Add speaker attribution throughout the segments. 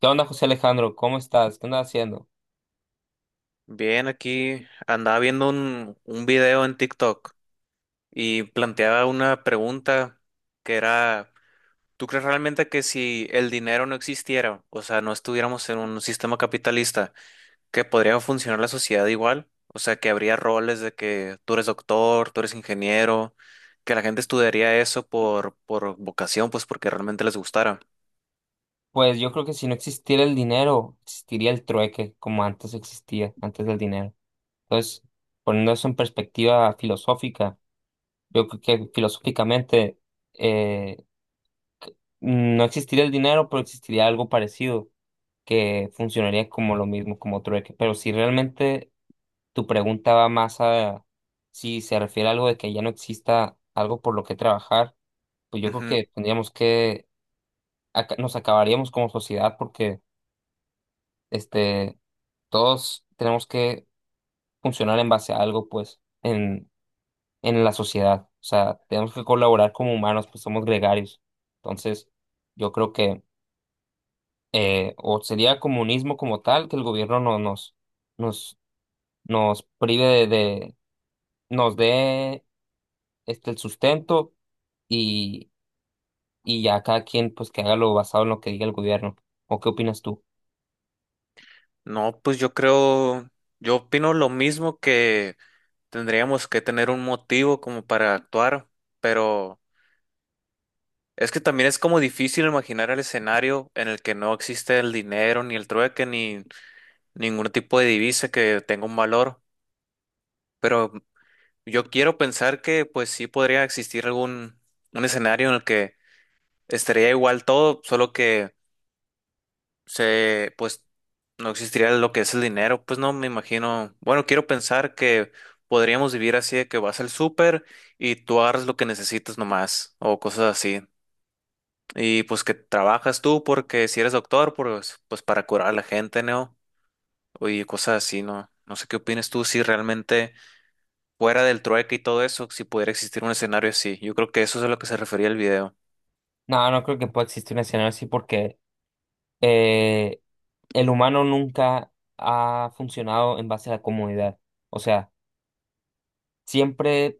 Speaker 1: ¿Qué onda, José Alejandro? ¿Cómo estás? ¿Qué andas haciendo?
Speaker 2: Bien, aquí andaba viendo un video en TikTok y planteaba una pregunta que era, ¿tú crees realmente que si el dinero no existiera, o sea, no estuviéramos en un sistema capitalista, que podría funcionar la sociedad igual? O sea, que habría roles de que tú eres doctor, tú eres ingeniero, que la gente estudiaría eso por vocación, pues porque realmente les gustara.
Speaker 1: Pues yo creo que si no existiera el dinero, existiría el trueque, como antes existía, antes del dinero. Entonces, poniendo eso en perspectiva filosófica, yo creo que filosóficamente eh, no existiría el dinero, pero existiría algo parecido que funcionaría como lo mismo, como trueque. Pero si realmente tu pregunta va más a si se refiere a algo de que ya no exista algo por lo que trabajar, pues yo creo
Speaker 2: Ujú.
Speaker 1: que tendríamos que nos acabaríamos como sociedad porque este, todos tenemos que funcionar en base a algo, pues, en la sociedad. O sea, tenemos que colaborar como humanos, pues somos gregarios. Entonces, yo creo que o sería comunismo como tal, que el gobierno no, nos, nos, nos prive nos dé el sustento y, y ya cada quien pues que haga lo basado en lo que diga el gobierno. ¿O qué opinas tú?
Speaker 2: No, pues yo creo, yo opino lo mismo. Tendríamos que tener un motivo como para actuar, pero es que también es como difícil imaginar el escenario en el que no existe el dinero, ni el trueque, ni ningún tipo de divisa que tenga un valor. Pero yo quiero pensar que pues sí podría existir algún un escenario en el que estaría igual todo, solo que se, pues no existiría lo que es el dinero, pues no me imagino. Bueno, quiero pensar que podríamos vivir así de que vas al súper y tú agarras lo que necesitas nomás o cosas así. Y pues que trabajas tú porque si eres doctor, pues, pues para curar a la gente, ¿no? Y cosas así, ¿no? No sé qué opinas tú si realmente fuera del trueque y todo eso, si pudiera existir un escenario así. Yo creo que eso es a lo que se refería el video.
Speaker 1: No, no creo que pueda existir un escenario así porque eh, el humano nunca ha funcionado en base a la comodidad. O sea, siempre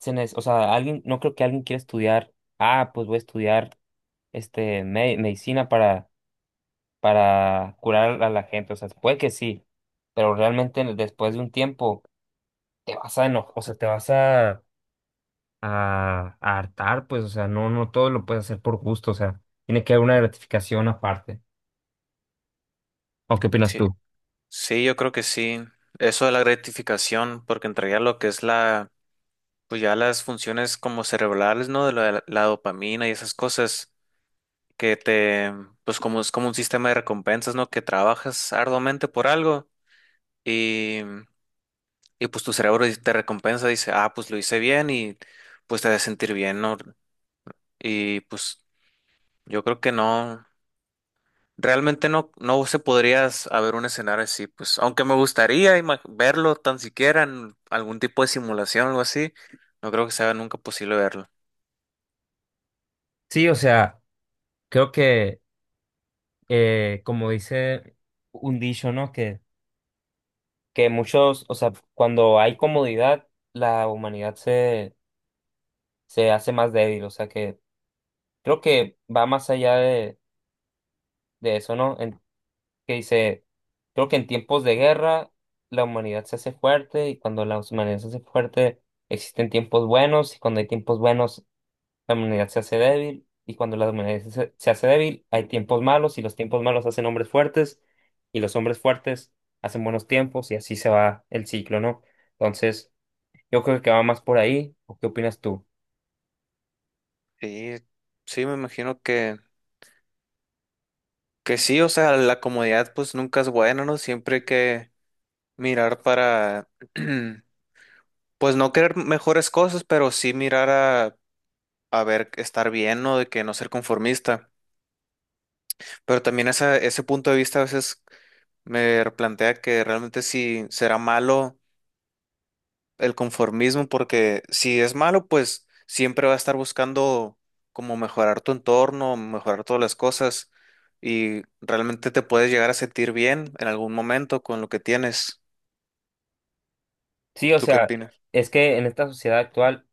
Speaker 1: o sea, alguien, no creo que alguien quiera estudiar, ah, pues voy a estudiar medicina para curar a la gente. O sea, puede que sí, pero realmente después de un tiempo te vas a enojar, o sea, te vas a hartar, pues, o sea, no, no todo lo puedes hacer por gusto, o sea, tiene que haber una gratificación aparte. ¿O qué opinas
Speaker 2: Sí,
Speaker 1: tú?
Speaker 2: sí, yo creo que sí. Eso de la gratificación, porque entraría lo que es la, pues ya las funciones como cerebrales, ¿no? De la dopamina y esas cosas que te, pues como es como un sistema de recompensas, ¿no? Que trabajas arduamente por algo y, y pues tu cerebro te recompensa, dice, ah, pues lo hice bien y pues te hace sentir bien, ¿no? Y pues yo creo que no, realmente no, no se podría haber un escenario así, pues aunque me gustaría verlo tan siquiera en algún tipo de simulación o algo así, no creo que sea nunca posible verlo.
Speaker 1: Sí, o sea, creo que como dice un dicho, ¿no? Que muchos, o sea, cuando hay comodidad, la humanidad se hace más débil, o sea, que creo que va más allá de eso, ¿no? Que dice, creo que en tiempos de guerra la humanidad se hace fuerte y cuando la humanidad se hace fuerte existen tiempos buenos y cuando hay tiempos buenos la humanidad se hace débil y cuando la humanidad se hace débil hay tiempos malos y los tiempos malos hacen hombres fuertes y los hombres fuertes hacen buenos tiempos y así se va el ciclo, ¿no? Entonces, yo creo que va más por ahí, ¿o qué opinas tú?
Speaker 2: Sí, sí, me imagino que sí, o sea, la comodidad pues nunca es buena, ¿no? Siempre hay que mirar para, pues no querer mejores cosas, pero sí mirar a ver, estar bien, ¿no? De que no ser conformista. Pero también esa, ese punto de vista a veces me replantea que realmente si será malo, el conformismo, porque si es malo, pues siempre va a estar buscando como mejorar tu entorno, mejorar todas las cosas y realmente te puedes llegar a sentir bien en algún momento con lo que tienes.
Speaker 1: Sí, o
Speaker 2: ¿Tú qué
Speaker 1: sea,
Speaker 2: opinas?
Speaker 1: es que en esta sociedad actual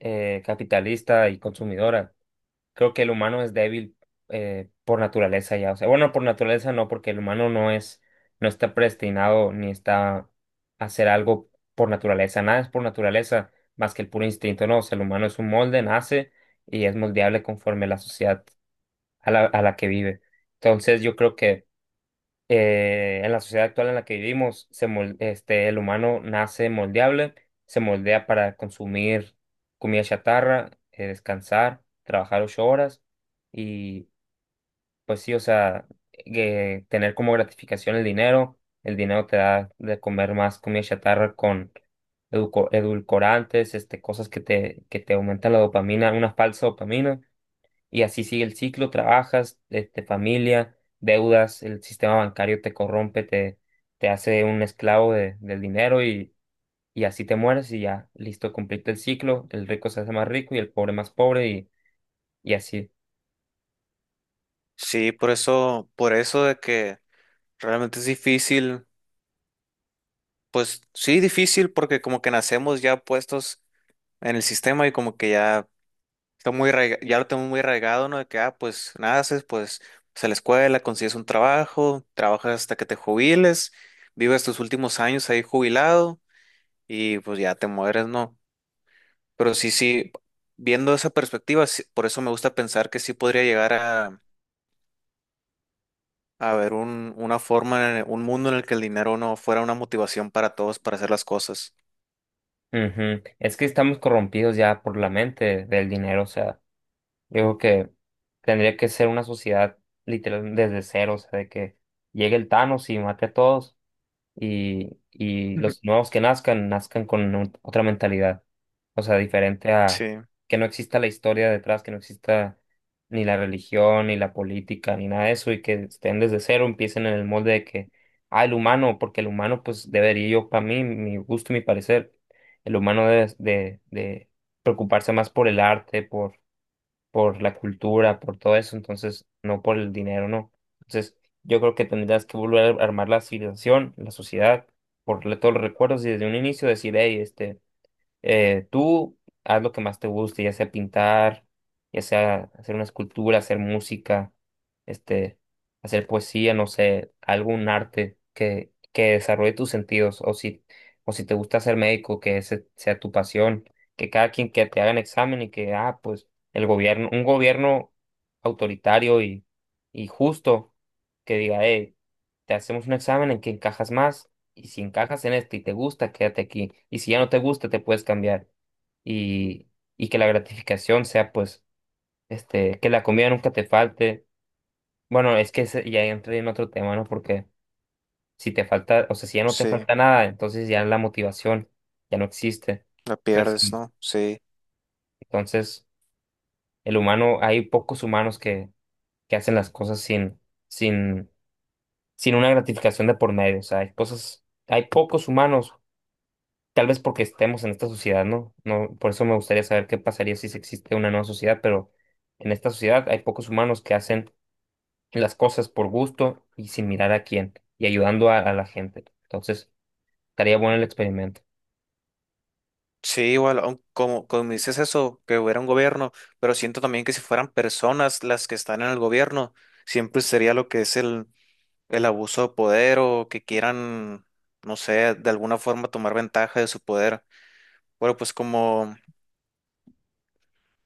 Speaker 1: capitalista y consumidora, creo que el humano es débil por naturaleza ya. O sea, bueno, por naturaleza no, porque el humano no es, no está predestinado ni está a hacer algo por naturaleza. Nada es por naturaleza más que el puro instinto, no. O sea, el humano es un molde, nace y es moldeable conforme la sociedad a a la que vive. Entonces, yo creo que en la sociedad actual en la que vivimos, el humano nace moldeable, se moldea para consumir comida chatarra, descansar, trabajar ocho horas y pues sí, o sea, que tener como gratificación el dinero te da de comer más comida chatarra con edulcorantes, este, cosas que te aumentan la dopamina, una falsa dopamina y así sigue el ciclo, trabajas, este, familia, deudas, el sistema bancario te corrompe, te hace un esclavo del dinero y así te mueres y ya, listo, cumpliste el ciclo, el rico se hace más rico y el pobre más pobre y así.
Speaker 2: Sí, por eso de que realmente es difícil, pues sí, difícil porque como que nacemos ya puestos en el sistema y como que ya ya lo tengo muy arraigado, ¿no? De que, ah, pues naces, pues vas a la escuela, consigues un trabajo, trabajas hasta que te jubiles, vives tus últimos años ahí jubilado y pues ya te mueres, ¿no? Pero sí, sí, viendo esa perspectiva, por eso me gusta pensar que sí podría llegar a haber una forma, un mundo en el que el dinero no fuera una motivación para todos para hacer las cosas.
Speaker 1: Ujú. Es que estamos corrompidos ya por la mente del dinero, o sea, yo creo que tendría que ser una sociedad literal desde cero, o sea, de que llegue el Thanos y mate a todos, y los nuevos que nazcan, nazcan con otra mentalidad. O sea, diferente a
Speaker 2: Sí,
Speaker 1: que no exista la historia detrás, que no exista ni la religión, ni la política, ni nada de eso, y que estén desde cero, empiecen en el molde de que, ah, el humano, porque el humano, pues debería yo, para mí, mi gusto y mi parecer, el humano debe de preocuparse más por el arte, por la cultura, por todo eso, entonces no por el dinero, no. Entonces yo creo que tendrías que volver a armar la civilización, la sociedad, por todos los recuerdos y desde un inicio decir, hey, este, tú haz lo que más te guste, ya sea pintar, ya sea hacer una escultura, hacer música, este, hacer poesía, no sé, algún arte que desarrolle tus sentidos, o si te gusta ser médico, que ese sea tu pasión, que cada quien que te hagan examen y que, ah, pues el gobierno, un gobierno autoritario y justo que diga, hey, te hacemos un examen en que encajas más y si encajas en esto y te gusta, quédate aquí. Y si ya no te gusta, te puedes cambiar. Y, y que la gratificación sea, pues, este, que la comida nunca te falte. Bueno, es que ya entré en otro tema, ¿no? Porque si te falta, o sea, si ya no te
Speaker 2: sí,
Speaker 1: falta nada, entonces ya la motivación ya no existe.
Speaker 2: la
Speaker 1: Pues,
Speaker 2: pierdes,
Speaker 1: sí.
Speaker 2: ¿no? Sí.
Speaker 1: Entonces, el humano, hay pocos humanos que hacen las cosas sin, sin una gratificación de por medio. O sea, hay cosas, hay pocos humanos. Tal vez porque estemos en esta sociedad, ¿no? No, por eso me gustaría saber qué pasaría si se existe una nueva sociedad, pero en esta sociedad hay pocos humanos que hacen las cosas por gusto y sin mirar a quién y ayudando a la gente. Entonces, estaría bueno el experimento.
Speaker 2: Sí, igual, aun como, como dices eso, que hubiera un gobierno, pero siento también que si fueran personas las que están en el gobierno, siempre sería lo que es el abuso de poder o que quieran, no sé, de alguna forma tomar ventaja de su poder. Bueno, pues como,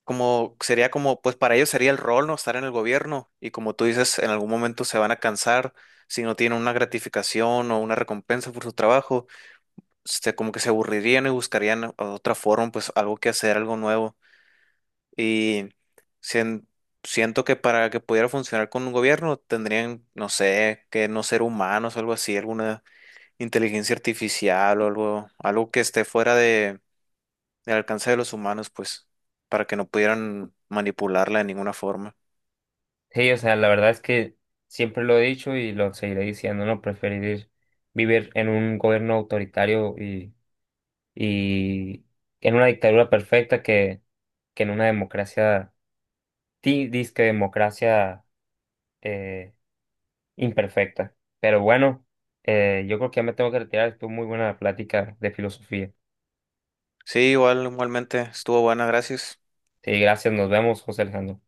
Speaker 2: como sería como, pues para ellos sería el rol, ¿no? Estar en el gobierno y como tú dices, en algún momento se van a cansar si no tienen una gratificación o una recompensa por su trabajo, este, como que se aburrirían y buscarían otra forma, pues algo que hacer, algo nuevo. Y sien- siento que para que pudiera funcionar con un gobierno tendrían, no sé, que no ser humanos o algo así, alguna inteligencia artificial o algo, algo que esté fuera de, del alcance de los humanos, pues, para que no pudieran manipularla de ninguna forma.
Speaker 1: Sí, o sea, la verdad es que siempre lo he dicho y lo seguiré diciendo, ¿no? Preferir vivir en un gobierno autoritario y en una dictadura perfecta que en una democracia, ti, disque democracia, eh, imperfecta. Pero bueno, yo creo que ya me tengo que retirar. Estuvo muy buena la plática de filosofía.
Speaker 2: Sí, igual, igualmente, estuvo buena, gracias.
Speaker 1: Sí, gracias. Nos vemos, José Alejandro.